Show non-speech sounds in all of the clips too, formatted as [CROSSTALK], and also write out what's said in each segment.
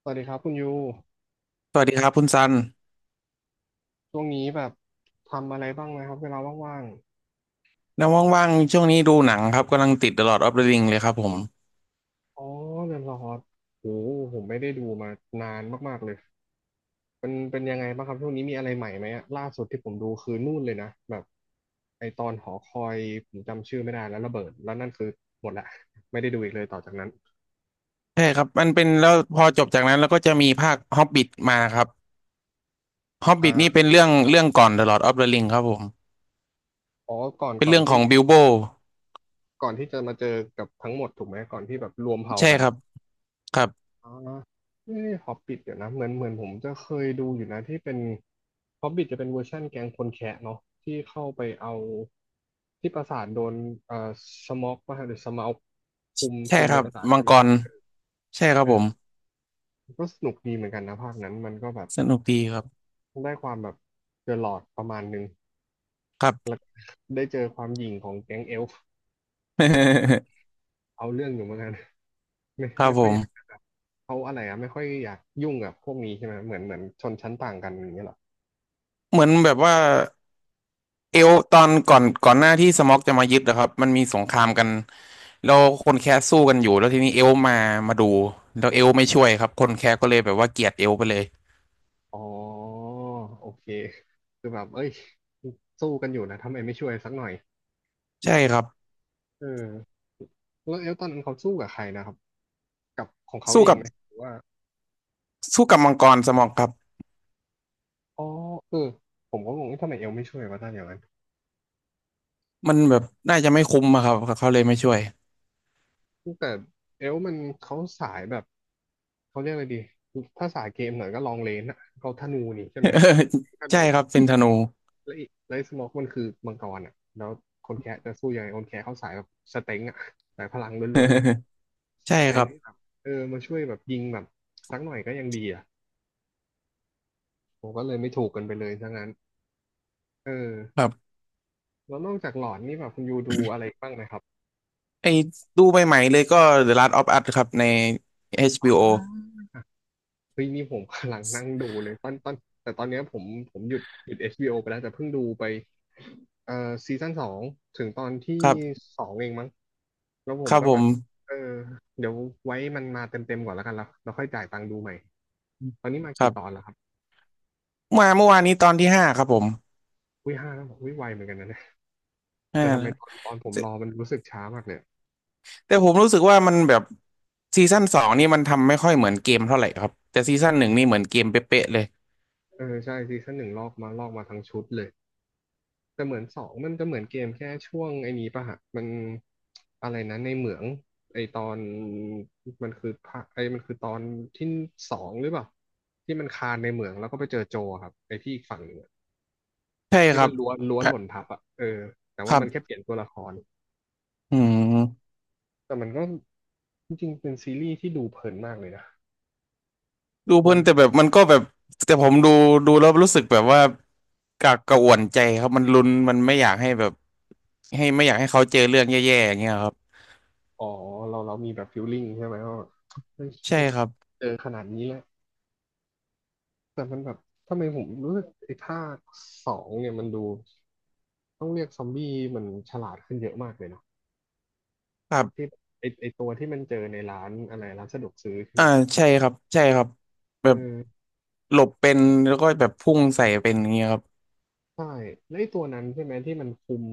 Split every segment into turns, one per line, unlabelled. สวัสดีครับคุณยู
สวัสดีครับคุณซัน
ช่วงนี้แบบทำอะไรบ้างไหมครับเวลาว่าง
แล้วว่างๆช่วงนี้ดูหนังครับกำลังติด The Lord of the Ring เลยครับผม
ๆอ๋อเรือนรอดโหผมไม่ได้ดูมานานมากๆเลยเป็นยังไงบ้างครับช่วงนี้มีอะไรใหม่ไหมอะล่าสุดที่ผมดูคือนู่นเลยนะแบบไอตอนหอคอยผมจำชื่อไม่ได้แล้วระเบิดแล้วนั่นคือหมดละไม่ได้ดูอีกเลยต่อจากนั้น
ใช่ครับมันเป็นแล้วพอจบจากนั้นแล้วก็จะมีภาค Hobbit มาครับ Hobbit นี่เป็
อ่า
นเรื่องก่อน The Lord of the Ring ครับผม
อ๋อก่อน
เป็น
ก่อน
เรื่องข
ที่
องบิลโบ
ก่อนที่จะมาเจอกับทั้งหมดถูกไหมก่อนที่แบบรวมเผ่า
ใช่
กัน
ครับครับ
อ๋อนี่นี่ฮอบบิทเดี๋ยวนะเหมือนผมจะเคยดูอยู่นะที่เป็นฮอบบิทจะเป็นเวอร์ชั่นแก๊งคนแคะเนาะที่เข้าไปเอาที่ปราสาทโดนเอ่อสมอกป่ะหรือสมาอกคุม
ใช่
คุม
ค
ใน
รับ
ปราสาท
มั
ใช่
ง
ไหม
ก
ใช่ไห
ร
ม
ใช่ครั
เอ
บผม
อก็สนุกดีเหมือนกันนะภาคนั้นมันก็แบบ
สนุกดีครับ
ได้ความแบบเจอหลอดประมาณนึง
ครั
แล้
บ
วก็ได้เจอความหยิ่งของแก๊งเอลฟ์
[LAUGHS]
เอาเรื่องอยู่เหมือนกัน [LAUGHS] ไม่
ครับ
ไม่
ผ
ค่อย
ม
อยากแบบเขาอะไรอะไม่ค่อยอยากยุ่งกับพวกนี้ใช่ไหมเหมือนชนชั้นต่างกันอย่างเงี้ยเหรอ
เหมือนแบบว่า เอลตอนก่อนหน้าที่สม็อกจะมายึดนะครับมันมีสงครามกันแล้วคนแคสสู้กันอยู่แล้วทีนี้เอลมามาดูแล้วเอลไม่ช่วยครับคนแคสก็เลยแบบว่าเกลียดเอลไปเลย
อ๋อโอเคคือแบบเอ้ยสู้กันอยู่นะทำไมไม่ช่วยสักหน่อย
ใช่ครับ
เออแล้วเอลตอนนั้นเขาสู้กับใครนะครับกับของเขา
สู้
เอง
กับ
ไหมหรือว่า
สู้กับมังกรสม็อกครับ
อ๋อเออผมก็งงว่าทำไมเอลไม่ช่วยวะตอนอย่างนั้น
มันแบบน่าจะไม่คุ้มอะครับเขาเลยไม่ช่วย
แต่เอลมันเขาสายแบบเขาเรียกอะไรดีถ้าสายเกมหน่อยก็ลองเลนอะเขาธนูนี่ใช่ไหมธ
[LAUGHS]
นู
ใช่ครับเป็นธนู
แล้วอีกแล้วไอ้สโมกมันคือมังกรอ่ะแล้วคนแคะจะสู้ยังไงคนแคะเขาสายแบบสเต็งอ่ะสายพลังล้วนๆเลย
[LAUGHS] ใช่
แท
ค
น
รับ
ที่แบบเออมาช่วยแบบยิงแบบสักหน่อยก็ยังดีอ่ะผมก็เลยไม่ถูกกันไปเลยซะงั้นเออ
ครับ
แล้วนอกจากหลอนนี่แบบคุณยูดูอะไรบ้างนะครับ
ไอ้ดูใหม่ๆเลยก็ The Last of Us ครับใน
อ๋
HBO
อ เฮ้ยนี่ผม [LAUGHS] กำลังนั่งดูเลยตอนแต่ตอนเนี้ยผมหยุด HBO ไปแล้วแต่เพิ่งดูไปเอ่อซีซั่นสองถึงตอนที่
ครับ
สองเองมั้งแล้วผ
ค
ม
รับ
ก็
ผ
แบ
ม
บเออเดี๋ยวไว้มันมาเต็มก่อนแล้วกันแล้วเราค่อยจ่ายตังค์ดูใหม่ตอนนี้มา
ครั
กี่ตอน
บ
แล้วครับ
มาเมื่อวานนี้ตอนที่ห้าครับผม
อุ้ยห้าแล้วอุ้ยไวเหมือนกันนะเนี่ย
ห้า
แต่ทำไม
แล้ว
ตอนผมรอมันรู้สึกช้ามากเนี่ยอะ
แต่ผมรู้สึกว่ามันแบบซีซั่นสองนี่มันทำไม่ค่อยเหมือนเกมเท่าไหร่ครับแต่ซีซั่นหนึ่งนี่เหมือนเกมเป๊ะๆเลย
เออใช่ซีซั่นหนึ่งลอกมาทั้งชุดเลย แต่เหมือนสองมันจะเหมือนเกมแค่ช่วงไอ้นี้ป่ะฮะมันอะไรนะในเหมืองไอตอนมันคือภาคไอมันคือตอนที่สองหรือเปล่าที่มันคานในเหมืองแล้วก็ไปเจอโจอะครับไอที่อีกฝั่งหนึ่งอะ
ใช่
ที่
ครั
ว่า
บ
ล้วน
อ่ะ
หล่นทับอ่ะเออแต่
ค
ว่า
รั
มันแค่
บ
เปลี่ยนตัวละคร
อืม
แต่มันก็จริงๆเป็นซีรีส์ที่ดูเพลินมากเลยนะ
ดูเพ
มั
ลิ
น
นแต่แบบมันก็แบบแต่ผมดูดูแล้วรู้สึกแบบว่ากากกระอ่วนใจครับมันลุ้นมันไม่อยากให้แบบให้ไม่อยากให้เขาเจอเรื่องแย่ๆอย่างเงี้ยครับ
อ๋อเรามีแบบฟิลลิ่งใช่ไหมว่าแบบเฮ้ย
ใช่ครับ
เจอขนาดนี้แล้วแต่มันแบบทำไมผมรู้สึกไอ้ภาคสองเนี่ยมันดู ต้องเรียกซอมบี้มันฉลาดขึ้นเยอะมากเลยเนาะ
ครั
ที่
บ
ไอตัวที่มันเจอในร้านอะไรร้านสะดวกซื้อใช่ไห
อ่า
ม
ใช่ครับใช่ครับ
เอ
แบ
อ
บหลบเป็นแล้วก็แบบพุ่งใส่เป็นอย่างเงี้ยครับ
ใช่แล้วไอตัวนั้นใช่ไหมที่มันคุม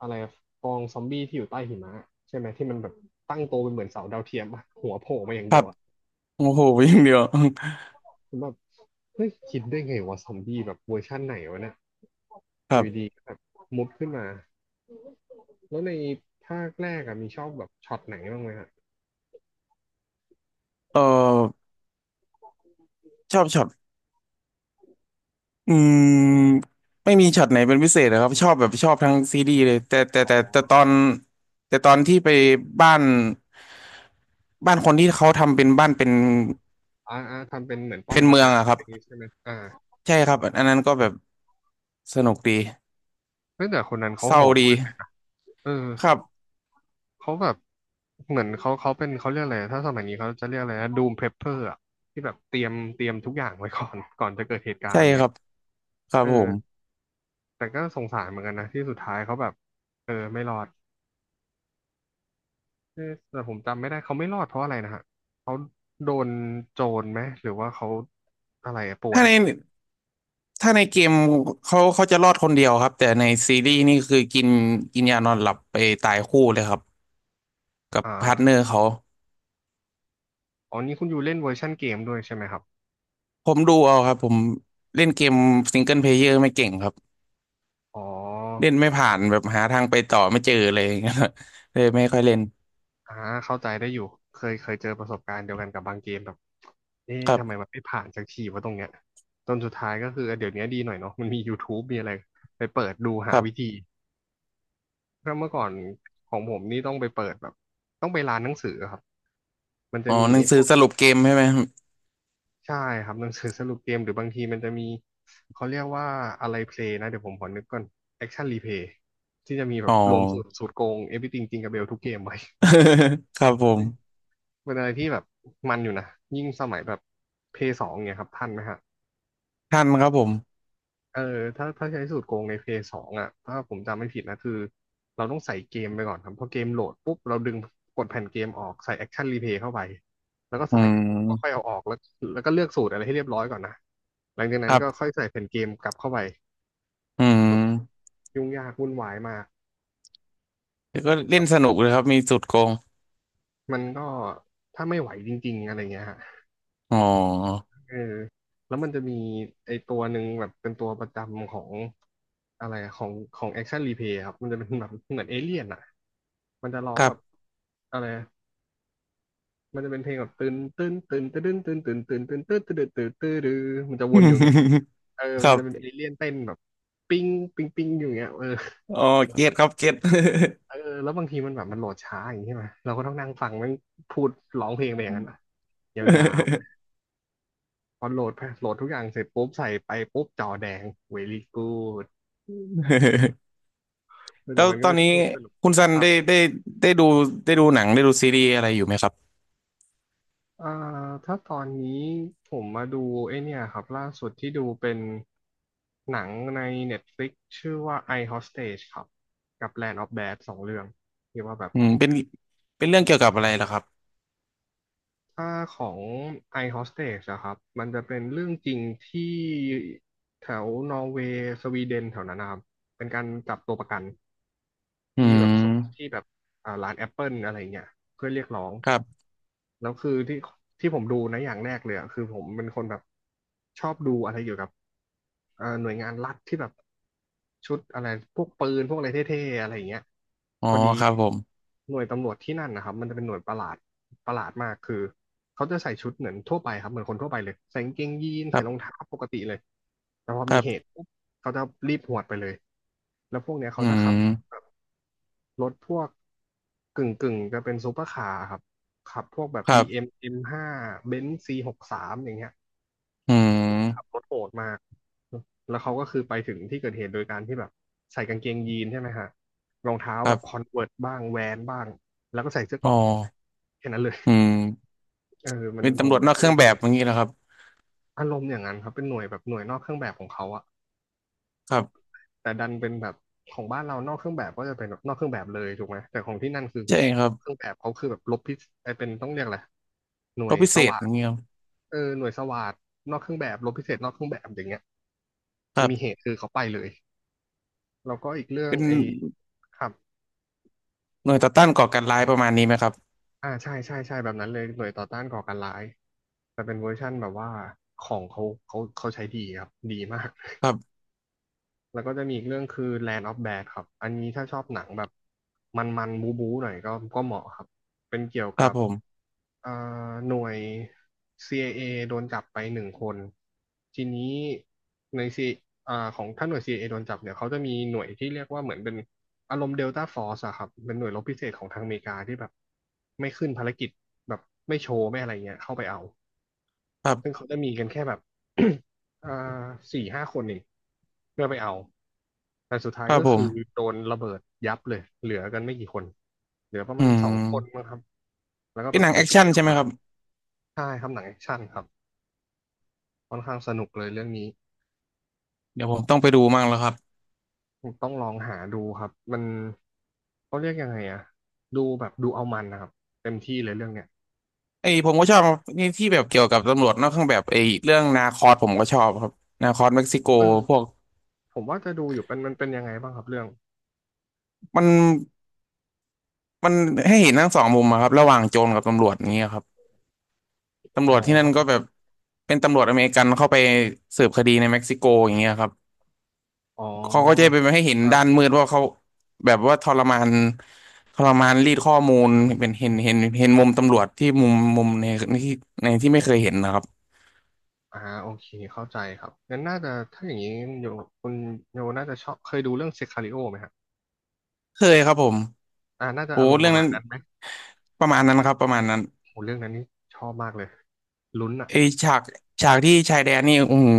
อะไรกองซอมบี้ที่อยู่ใต้หิมะใช่ไหมที่มันแบบตั้งโตวเป็นเหมือนเสาดาวเทียมอะหัวโผล่มาอย่าง
ค
เดี
รั
ยว
บ
อะ
โอ้โหอย่างเดียว [LAUGHS]
ผมแบบเฮ้ยคิดได้ไงวะซอมบี้แบบเวอร์ชั่นไหนวะเนี่ย
ค
อ
รั
ยู่ดี
บ
ๆก็แบบมุดขึ้นมาแล้วในภาคแรกอะมีชอบแบบช็อตไหนบ้างไหมฮะ
เออชอบช็อตอืมไม่มีช็อตไหนเป็นพิเศษนะครับชอบแบบชอบทั้งซีรีส์เลยแต่ตอนที่ไปบ้านบ้านคนที่เขาทำเป็นบ้านเป็น
อ่าอ่าทำเป็นเหมือนป้อม
เป็น
ปรา
เมือ
กา
ง
ร
อะค
อะ
รั
ไร
บ
อย่างงี้ใช่ไหมอ่า
ใช่ครับอันนั้นก็แบบสนุกดี
เฮ้ยแต่คนนั้นเขา
เศ
โห
ร้า
ด
ดี
มากเออ
ครับ
เขาแบบเหมือนเขาเป็นเขาเรียกอะไรถ้าสมัยนี้เขาจะเรียกอะไรนะดูมเพลเปอร์อะที่แบบเตรียมทุกอย่างไว้ก่อน [LAUGHS] ก่อนจะเกิดเหตุการ
ใช่
ณ์
ค
เงี้ย
รับครั
เอ
บ
อ
ผม
แต่ก็สงสารเหมือนกันนะที่สุดท้ายเขาแบบเออไม่รอดเออแต่ผมจำไม่ได้เขาไม่รอดเพราะอะไรนะฮะเขาโดนโจรไหมหรือว่าเขาอะไรอะป่ว
ถ้า
ย
ในถ้าในเกมเขาจะรอดคนเดียวครับแต่ในซีรีส์นี่คือกินกินยานอนหลับไปตายคู่เลยครับกับ
อ่า
พาร์ทเนอร์เขา
อ๋อนี่คุณอยู่เล่นเวอร์ชันเกมด้วยใช่ไหมครับ
ผมดูเอาครับผมเล่นเกมซิงเกิลเพลเยอร์ไม่เก่งครับ
อ๋อ
เล่นไม่ผ่านแบบหาทางไปต่อไม่เจอเลยอย่างเงี้ย [LAUGHS] เลยไม่ค่อยเล่น
อ่าเข้าใจได้อยู่เคยเจอประสบการณ์เดียวกันกับบางเกมแบบเอ๊ะ
ครั
ทำไม
บ
มันไม่ผ่านสักทีวะตรงเนี้ยจนสุดท้ายก็คือเออเดี๋ยวนี้ดีหน่อยเนาะมันมี YouTube มีอะไรไปเปิดดู
ค
หา
รั
วิ
บ
ธีเพราะเมื่อก่อนของผมนี่ต้องไปเปิดแบบต้องไปร้านหนังสือครับมัน
อ๋
จะ
อ
มี
หนั
ไอ้
งสื
พ
อ
วก
สรุปเกมใช่ไหมครับ
ใช่ครับหนังสือสรุปเกมหรือบางทีมันจะมีเขาเรียกว่าอะไรเพลย์นะเดี๋ยวผมขอนึกก่อนแอคชั่นรีเพลย์ที่จะมีแบ
อ๋
บ
อ
รวมสูตรโกง Everything จริงกับเบลทุกเกมไว้
[LAUGHS] ครับผม
เป็นอะไรที่แบบมันอยู่นะยิ่งสมัยแบบเพย์สองเนี่ยครับทันไหมฮะ
ทันครับผม
เออถ้าใช้สูตรโกงในเพย์สองอ่ะถ้าผมจำไม่ผิดนะคือเราต้องใส่เกมไปก่อนครับพอเกมโหลดปุ๊บเราดึงกดแผ่นเกมออกใส่แอคชั่นรีเพย์เข้าไปแล้วก็
อื
ใส่แล้วก็ค่อย
ม
เอาออกแล้วแล้วก็เลือกสูตรอะไรให้เรียบร้อยก่อนนะหลังจากนั้
ค
น
รั
ก็
บ
ค่อยใส่แผ่นเกมกลับเข้าไป
อื
แบบ
ม
ยุ่งยากวุ่นวายมาก
แล้วก็เล่นสนุกเลยครับมีสุดโกง
มันก็ถ้าไม่ไหวจริงๆอะไรเงี้ยฮะ
อ๋อ
เออแล้วมันจะมีไอตัวหนึ่งแบบเป็นตัวประจำของอะไรอะของแอคชั่นรีเพย์ครับมันจะเป็นแบบเหมือนเอเลี่ยนอ่ะมันจะร้อ
ค
ง
รั
แบบ
บ
อะไรอะมันจะเป็นเพลงแบบตื่นตื่นตื่นตื่นตื่นตื่นตื่นตื่นตื่นตื่นตื่นตื่นตื่นมันจะวนอยู่เงี้ย
[LAUGHS]
เออ
ค
มั
รั
นจะเป็น
บ
เอเลี่ยนเต้นแบบปิ้งปิ้งปิ้งอยู่เงี้ยเออ
อ๋อเก็ตครับเก็ต
เออแล้วบางทีมันแบบมันโหลดช้าอย่างนี้ใช่ไหมเราก็ต้องนั่งฟังมันพูดร้องเพลงไปอย่างนั้นอะยาว พอโหลดโหลดทุกอย่างเสร็จปุ๊บใส่ไปปุ๊บจอแดง very good
[LAUGHS] แล้
แต่
ว
มันก็
ตอน
เป็น
นี้
ช่วงสนุก
คุณซัน
ครับ
ได้ดูได้ดูหนังได้ดูซีรีส์อะไรอยู่ไหมครับ
เอ่อถ้าตอนนี้ผมมาดูไอเนี่ยครับล่าสุดที่ดูเป็นหนังใน Netflix ชื่อว่า I Hostage ครับกับ Land of Bad สองเรื่องที่ว่าแบบ
อืมเป็นเรื่องเกี่ยว
ช
กับ
อ
อะ
บ
ไรเหรอครับ
ถ้าของ I Hostage อะครับมันจะเป็นเรื่องจริงที่แถวนอร์เวย์สวีเดนแถวนั้นนะครับเป็นการจับตัวประกัน
อื
ที่แบ
ม
บส่งที่แบบร้านแอปเปิลอะไรเงี้ยเพื่อเรียกร้อง
ครับ
แล้วคือที่ผมดูนะอย่างแรกเลยอะคือผมเป็นคนแบบชอบดูอะไรเกี่ยวกับหน่วยงานรัฐที่แบบชุดอะไรพวกปืนพวกอะไรเท่ๆอะไรอย่างเงี้ย
อ๋อ
พอดี
ครับผม
หน่วยตำรวจที่นั่นนะครับมันจะเป็นหน่วยประหลาดประหลาดมากคือเขาจะใส่ชุดเหมือนทั่วไปครับเหมือนคนทั่วไปเลยใส่กางเกงยีน
ค
ใส่
รั
รอง
บ
เท้าปกติเลยแต่พอ
ค
มี
รั
เหตุ
บ
ปุ๊บเขาจะรีบหวดไปเลยแล้วพวกเนี้ย
อื
เขาจะขับรถ
ม
แบบ รถพวกกึ่งจะเป็นซูเปอร์คาร์ครับขับพวกแบบ
ครั
BM
บ
M5 เอ็มห้าเบนซ์ C63 อย่างเงี้ย
อื
ขับ
ม
รถโหดมากแล้วเขาก็คือไปถึงที่เกิดเหตุโดยการที่แบบใส่กางเกงยีนใช่ไหมฮะรองเท้า
ค
แบ
รั
บคอ
บ
นเวิร์บ้างแวนบ้างแล้วก็ใส่เสื้อเก
อ๋อ
ราะแค่นั้นเลย
อืม
[LAUGHS] เออมัน
เป็น
ผ
ตำร
ม
วจ
เล
น
ย
อก
ก็
เค
เล
รื่อ
ย
ง
ไป
แบ
ดู
บอย่างนี้เหรอครับ
อารมณ์อย่างนั้นครับเป็นหน่วยแบบหน่วยนอกเครื่องแบบของเขาอะ
ครับ
แต่ดันเป็นแบบของบ้านเรานอกเครื่องแบบก็จะเป็นแบบนอกเครื่องแบบเลยถูกไหมแต่ของที่นั่นคือ
ใช่ครับ
เครื่องแบบเขาคือแบบลบพิษไอเป็นต้องเรียกอะไรหน่ว
ร
ย
บพิ
ส
เศษ
วา
อ
ท
ย่างนี้ครับ
เออหน่วยสวาทนอกเครื่องแบบลบพิเศษนอกเครื่องแบบอย่างเงี้ย
ค
คือ
รั
มีเห
บ
ตุคือเขาไปเลยแล้วก็อีกเรื่อง
เป็น
ไอครับ
หน่วยต่อต้านก่อการร้ายประมาณนี้ไหมครับ
อ่าใช่ใช่ใช่แบบนั้นเลยหน่วยต่อต้านก่อการร้ายแต่เป็นเวอร์ชั่นแบบว่าของเขาเขาใช้ดีครับดีมาก
ครับ
แล้วก็จะมีอีกเรื่องคือ Land of Bad ครับ อันนี้ถ้าชอบหนังแบบมันๆบูบูหน่อยก็เหมาะครับ เป็นเกี่ยว
ครั
กั
บ
บ
ผม
เอ่อหน่วย CIA โดนจับไปหนึ่งคนทีนี้ในซีของถ้าหน่วย CIA โดนจับเนี่ยเขาจะมีหน่วยที่เรียกว่าเหมือนเป็นอารมณ์เดลต้าฟอร์สอะครับเป็นหน่วยรบพิเศษของทางอเมริกาที่แบบไม่ขึ้นภารกิจแบบไม่โชว์ไม่อะไรเงี้ยเข้าไปเอา
ครั
ซึ่ง
บ
เขาจะมีกันแค่แบบ [COUGHS] อ่าสี่ห้าคนเองเพื่อไปเอาแต่สุดท้าย
ครับ
ก็
ผ
คือ
ม
โดนระเบิดยับเลยเหลือกันไม่กี่คนเหลือประ
อื
มาณสองคน
ม
นะครับแล้วก็
เป็
แบ
นห
บ
นัง
ไป
แอค
ช่ว
ชั่
ย
น
ออ
ใช่
ก
ไหม
มา
ครับ
ใช่ครับหนังแอคชั่นครับค่อนข้างสนุกเลยเรื่องนี้
เดี๋ยวผมต้องไปดูมั่งแล้วครับ
ต้องลองหาดูครับมันเขาเรียกยังไงอะดูแบบดูเอามันนะครับเต็มที่เลยเรื่องเนี้ย
ไอ้ผมก็ชอบนี่ที่แบบเกี่ยวกับตำรวจนอกเครื่องแบบไอ้เรื่องนาคอสผมก็ชอบครับนาคอสเม็กซิโก
เออ
พวก
ผมว่าจะดูอยู่เป็นมันเป็นยังไงบ้างครับเรื่อง
มันมันให้เห็นทั้งสองมุมอะครับระหว่างโจรกับตำรวจอย่างเงี้ยครับตำ
อ๋
ร
อ
วจที่นั่นก็แบบเป็นตำรวจอเมริกันเข้าไปสืบคดีในเม็กซิโกอย่างเงี้ยครับ
อ๋อ
เขาก็จะไปให้เห็น
ครับ
ด้านมืดว่าเขาแบบว่าทรมานทรมานรีดข้อมูลเป็นเห็นมุมตำรวจที่มุมในในที่ในที่ไม่เคยเห็นนะครับ
อ่าโอเคเข้าใจครับงั้นน่าจะถ้าอย่างนี้โยคุณโยน่าจะชอบเคยดูเรื่องเซคาริโอไหมฮะ
เคยครับผม
อ่าน่าจะ
โอ้
อารมณ์ป
เรื่อง
ระมา
นั้
ณ
น
นั้นไหม
ประมาณนั้นครับประมาณนั้น
โหเรื่องนั้นนี่ชอบมากเลยลุ้นอ่ะ
ไอฉากฉากที่ชายแดนนี่อืม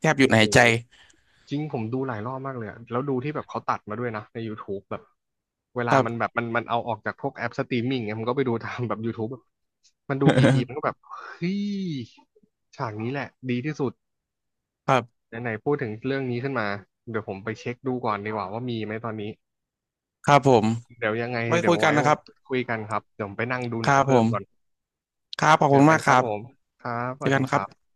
แทบหยุด
โอ้โห
หายใจ
จริงผมดูหลายรอบมากเลยอะแล้วดูที่แบบเขาตัดมาด้วยนะใน YouTube แบบเว
ค
ลา
รับ
มันแบบมันเอาออกจากพวกแอปสตรีมมิ่งเนี่ยมันก็ไปดูตาม [LAUGHS] แบบ YouTube แบบมันดูกี่ทีมันก็
[LAUGHS]
แบบเฮ้ยฉากนี้แหละดีที่สุด
ครับ
ไหนๆพูดถึงเรื่องนี้ขึ้นมาเดี๋ยวผมไปเช็คดูก่อนดีกว่าว่ามีไหมตอนนี้
ครับผม
เดี๋ยวยังไง
ไว้
เดี๋
คุ
ยว
ยกัน
ไว้
นะครับ
คุยกันครับเดี๋ยวผมไปนั่งดู
ค
หนั
รั
ง
บผ
เพิ่มก่อน
มครับขอบ
เจ
คุ
อ
ณ
กั
มา
น
ก
ค
ค
รับ
รับ
ผมครับส
เจอ
วัส
กั
ดี
นค
ค
รับ
รับ